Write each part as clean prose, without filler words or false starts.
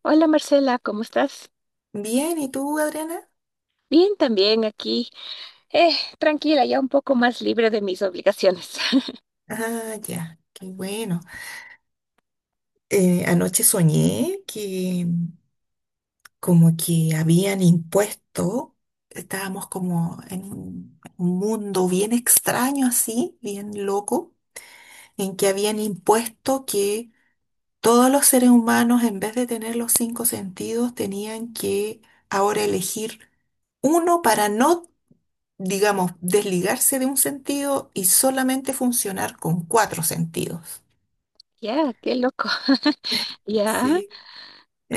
Hola Marcela, ¿cómo estás? Bien, ¿y tú, Adriana? Bien, también aquí. Tranquila, ya un poco más libre de mis obligaciones. Ah, ya, qué bueno. Anoche soñé que como que habían impuesto, estábamos como en un mundo bien extraño así, bien loco, en que habían impuesto que todos los seres humanos, en vez de tener los 5 sentidos, tenían que ahora elegir uno para no, digamos, desligarse de un sentido y solamente funcionar con 4 sentidos. Ya, qué loco. Ya, Sí,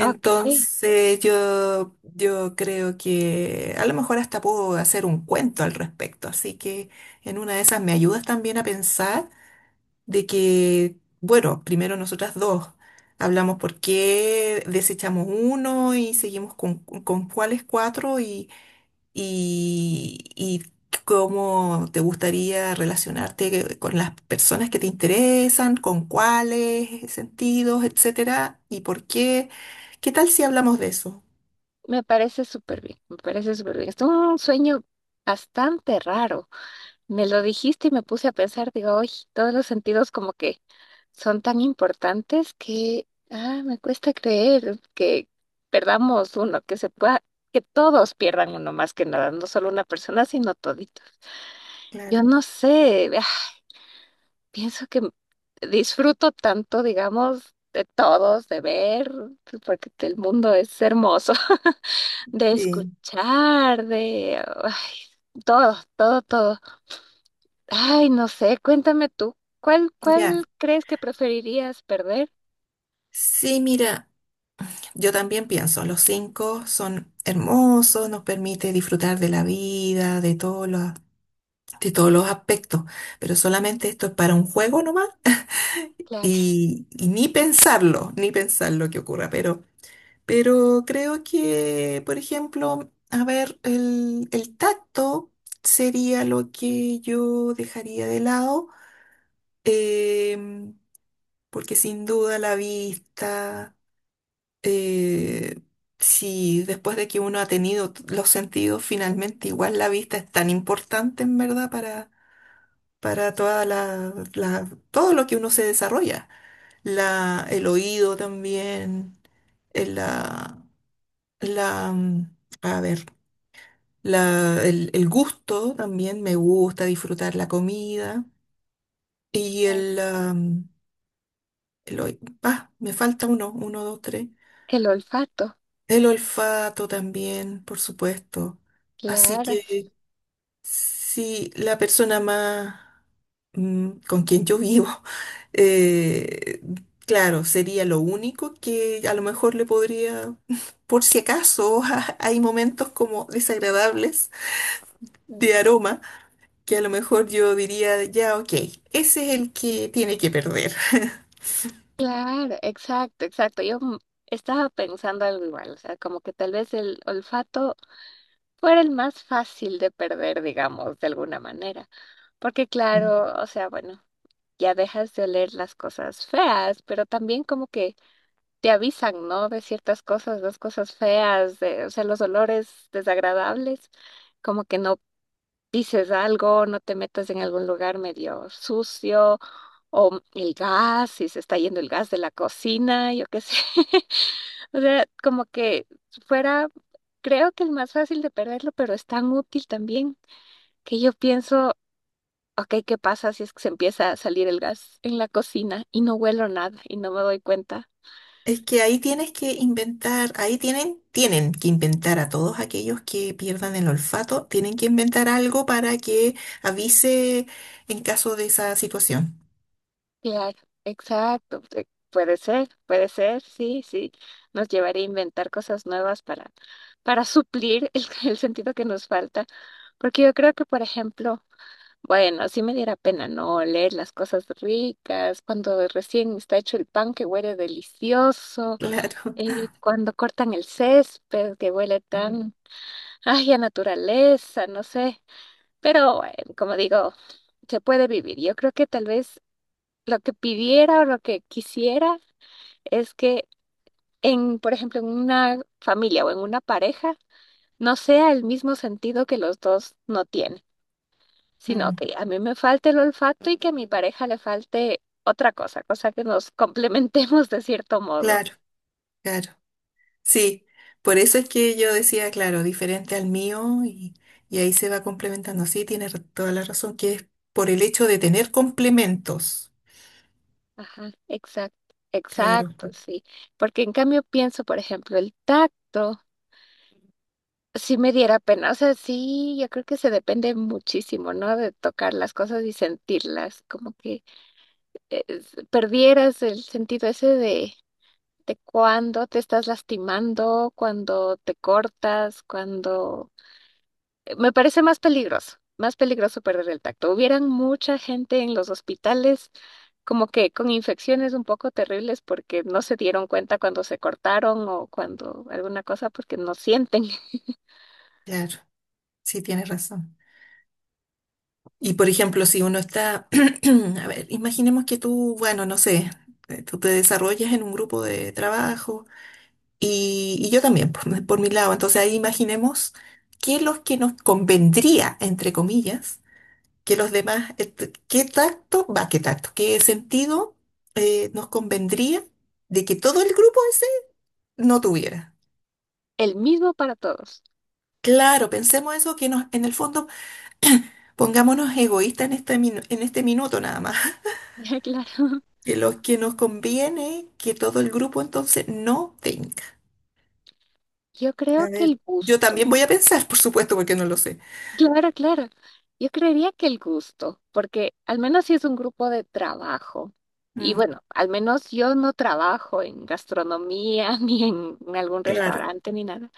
ok. yo creo que a lo mejor hasta puedo hacer un cuento al respecto, así que en una de esas me ayudas también a pensar de que, bueno, primero nosotras dos hablamos por qué desechamos uno y seguimos con cuáles 4 y cómo te gustaría relacionarte con las personas que te interesan, con cuáles sentidos, etcétera, y por qué. ¿Qué tal si hablamos de eso? Me parece súper bien, me parece súper bien. Es un sueño bastante raro. Me lo dijiste y me puse a pensar, digo, hoy todos los sentidos como que son tan importantes que, me cuesta creer que perdamos uno, que se pueda, que todos pierdan uno más que nada, no solo una persona, sino toditos. Claro. Yo no sé, pienso que disfruto tanto, digamos, de todos, de ver, porque el mundo es hermoso, de Sí. escuchar, de ay, todo, todo, todo. Ay, no sé, cuéntame tú, ¿cuál, Ya. cuál crees que preferirías perder? Sí, mira, yo también pienso, los cinco son hermosos, nos permite disfrutar de la vida, de todos los aspectos, pero solamente esto es para un juego nomás Claro, y ni pensarlo, ni pensar lo que ocurra, pero creo que, por ejemplo, a ver, el tacto sería lo que yo dejaría de lado. Em, Porque sin duda la vista, eh, si después de que uno ha tenido t- los sentidos, finalmente igual la vista es tan importante en verdad para toda la, la- todo lo que uno se desarrolla. La, el oído también, el- la, la, mm, a ver, la, el gusto también, me gusta disfrutar la comida y el oí- me falta uno, 1, 2, 3. el olfato. El olfato también, por supuesto. Así Claro, que si la persona más con quien yo vivo, eh, claro, sería lo único que a lo mejor le podría, por si acaso, hay momentos como desagradables de aroma, que a lo mejor yo diría, ya, ok, ese es el que tiene que perder. claro, exacto, exacto. Yo estaba pensando algo igual, o sea, como que tal vez el olfato fuera el más fácil de perder, digamos, de alguna manera. Porque claro, o sea, bueno, ya dejas de oler las cosas feas, pero también como que te avisan, ¿no? De ciertas cosas, las cosas feas, de, o sea, los olores desagradables, como que no pises algo, no te metas en algún lugar medio sucio, o el gas, si se está yendo el gas de la cocina, yo qué sé. O sea, como que fuera, creo que el más fácil de perderlo, pero es tan útil también que yo pienso, ok, ¿qué pasa si es que se empieza a salir el gas en la cocina y no huelo nada y no me doy cuenta? Es que ahí tienes que inventar, ahí tienen, tienen que inventar a todos aquellos que pierdan el olfato, tienen que inventar algo para que avise en caso de esa situación. Claro, exacto. Puede ser, sí, sí. Nos llevaría a inventar cosas nuevas para suplir el, el sentido que nos falta. Porque yo creo que, por ejemplo, bueno, sí me diera pena no oler las cosas ricas, cuando recién está hecho el pan que huele delicioso, Claro. Cuando cortan el césped que huele Mm. tan Ay, a naturaleza, no sé. Pero bueno, como digo, se puede vivir. Yo creo que tal vez lo que pidiera o lo que quisiera es que en, por ejemplo, en una familia o en una pareja, no sea el mismo sentido que los dos no tienen, sino Mm, que a mí me falte el olfato y que a mi pareja le falte otra cosa, cosa que nos complementemos de cierto modo. claro, claro. Sí, por eso es que yo decía, claro, diferente al mío y ahí se va complementando. Sí, tienes ra- toda la razón, que es por el hecho de tener complementos. Ajá, exacto, Claro, exacto, sí. Porque en cambio pienso, por ejemplo, el tacto. Sí me diera pena. O sea, sí, yo creo que se depende muchísimo, ¿no? De tocar las cosas y sentirlas, como que perdieras el sentido ese de cuando te estás lastimando, cuando te cortas, cuando... Me parece más peligroso perder el tacto. Hubieran mucha gente en los hospitales como que con infecciones un poco terribles porque no se dieron cuenta cuando se cortaron o cuando alguna cosa porque no sienten claro, sí, tienes razón. Y por ejemplo, si uno está, a ver, imaginemos que tú, bueno, no sé, tú te desarrollas en un grupo de trabajo y yo también, por mi lado. Entonces ahí imaginemos qué es lo que nos convendría, entre comillas, que los demás, t- qué tacto, va, qué tacto, qué sentido nos convendría de que todo el grupo ese no tuviera. el mismo para todos. Claro, pensemos eso, que nos, en el fondo pongámonos egoístas en este, minu- en este minuto nada más. Claro, De los que nos conviene que todo el grupo entonces no tenga. yo creo A que ver, el yo gusto, también voy a pensar, por supuesto, porque no lo sé. claro, claro, yo creería que el gusto, porque al menos si es un grupo de trabajo, y Mm, bueno, al menos yo no trabajo en gastronomía ni en, en algún claro. restaurante ni nada,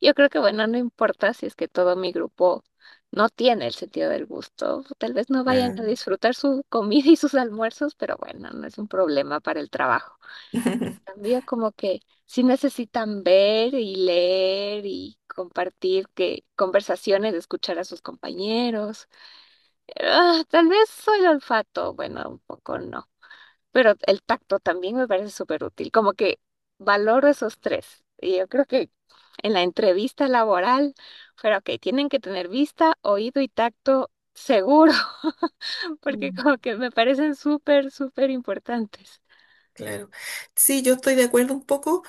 yo creo que bueno, no importa si es que todo mi grupo no tiene el sentido del gusto, tal vez no vayan a Ah. disfrutar su comida y sus almuerzos, pero bueno, no es un problema para el trabajo. Cambio, como que sí necesitan ver y leer y compartir que conversaciones, escuchar a sus compañeros. Ah, tal vez soy el olfato, bueno, un poco no, pero el tacto también me parece súper útil, como que valoro esos tres. Y yo creo que en la entrevista laboral, pero ok, tienen que tener vista, oído y tacto seguro, porque Mm, como que me parecen súper, súper importantes. claro. Sí, yo estoy de acuerdo un poco.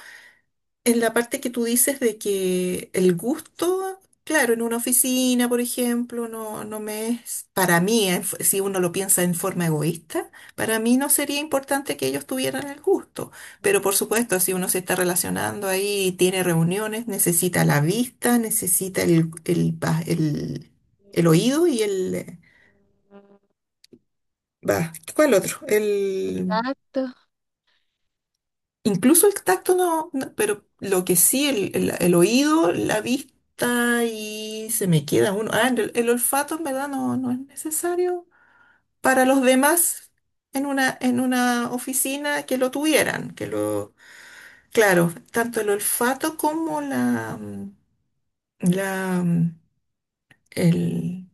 En la parte que tú dices de que el gusto, claro, en una oficina, por ejemplo, no, no me es, para mí, en f- si uno lo piensa en forma egoísta, para mí no sería importante que ellos tuvieran el gusto. Pero por supuesto, si uno se está relacionando ahí, tiene reuniones, necesita la vista, necesita el, va- el oído y el... Va, ¿cuál otro? El tacto, Incluso el tacto no, no, pero lo que sí, el oído, la vista y se me queda uno. Ah, el olfato en verdad no, no es necesario para los demás en una oficina que lo tuvieran, que lo, claro, tanto el olfato como la, mm, el,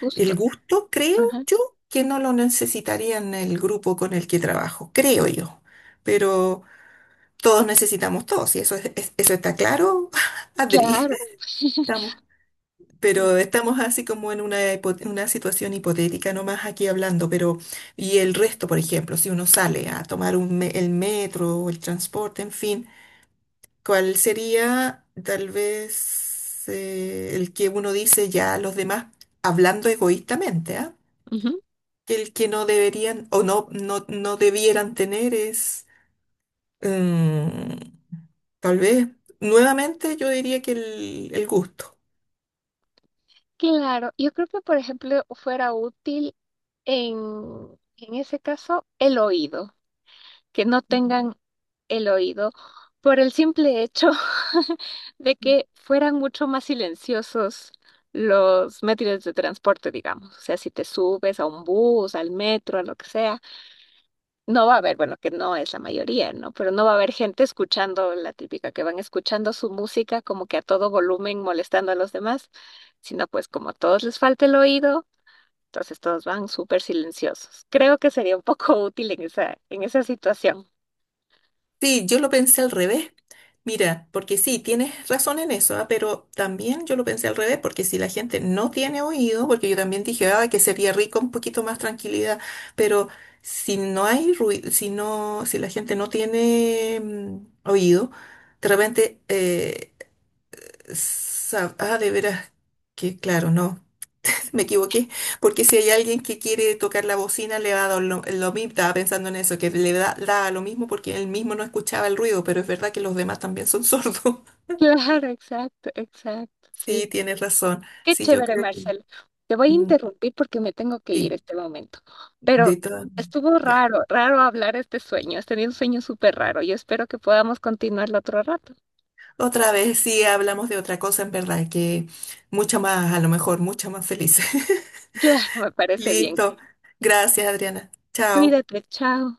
justo. el gusto, creo yo, que no lo necesitarían el grupo con el que trabajo, creo yo. Pero todos necesitamos todos, y eso, es- eso está claro, Adri. Claro. Estamos, pero estamos así como en una, hipo- una situación hipotética nomás aquí hablando, pero y el resto, por ejemplo, si uno sale a tomar un me- el metro o el transporte, en fin, ¿cuál sería tal vez el que uno dice ya a los demás hablando egoístamente, ¿ah? Ujú. Que el que no deberían o no, no, no debieran tener es... mm, tal vez, nuevamente, yo diría que el gusto. Claro, yo creo que por ejemplo fuera útil en, en ese caso el oído, que no Ujú. tengan el oído por el simple hecho de que fueran mucho más silenciosos los métodos de transporte, digamos. O sea, si te subes a un bus, al metro, a lo que sea no va a haber, bueno, que no es la mayoría, ¿no? Pero no va a haber gente escuchando la típica, que van escuchando su música como que a todo volumen molestando a los demás, sino pues como a todos les falta el oído, entonces todos van súper silenciosos. Creo que sería un poco útil en esa situación. Sí, yo lo pensé al revés. Mira, porque sí, tienes razón en eso, ah, pero también yo lo pensé al revés, porque si la gente no tiene oído, porque yo también dije, ah, que sería rico un poquito más tranquilidad, pero si no hay ruido, si no, si la gente no tiene oído, de repente, sa- ah, de veras, que claro, no. Me equivoqué, porque si hay alguien que quiere tocar la bocina, le va a dar lo mismo. Estaba pensando en eso, que le da, da lo mismo porque él mismo no escuchaba el ruido, pero es verdad que los demás también son sordos. Claro, exacto, exacto, sí. Sí, tienes razón. Qué Sí, yo chévere, creo que Marcelo. Te voy a mm, interrumpir porque me tengo que ir sí, este momento, pero de todas maneras. estuvo Ya. raro, raro hablar este sueño. Has tenido un sueño súper raro. Yo espero que podamos continuarlo otro rato. Otra vez sí hablamos de otra cosa, en verdad, que mucha más, a lo mejor, mucha más feliz. Claro, me parece bien. Listo. Gracias, Adriana. Chao. Cuídate, chao.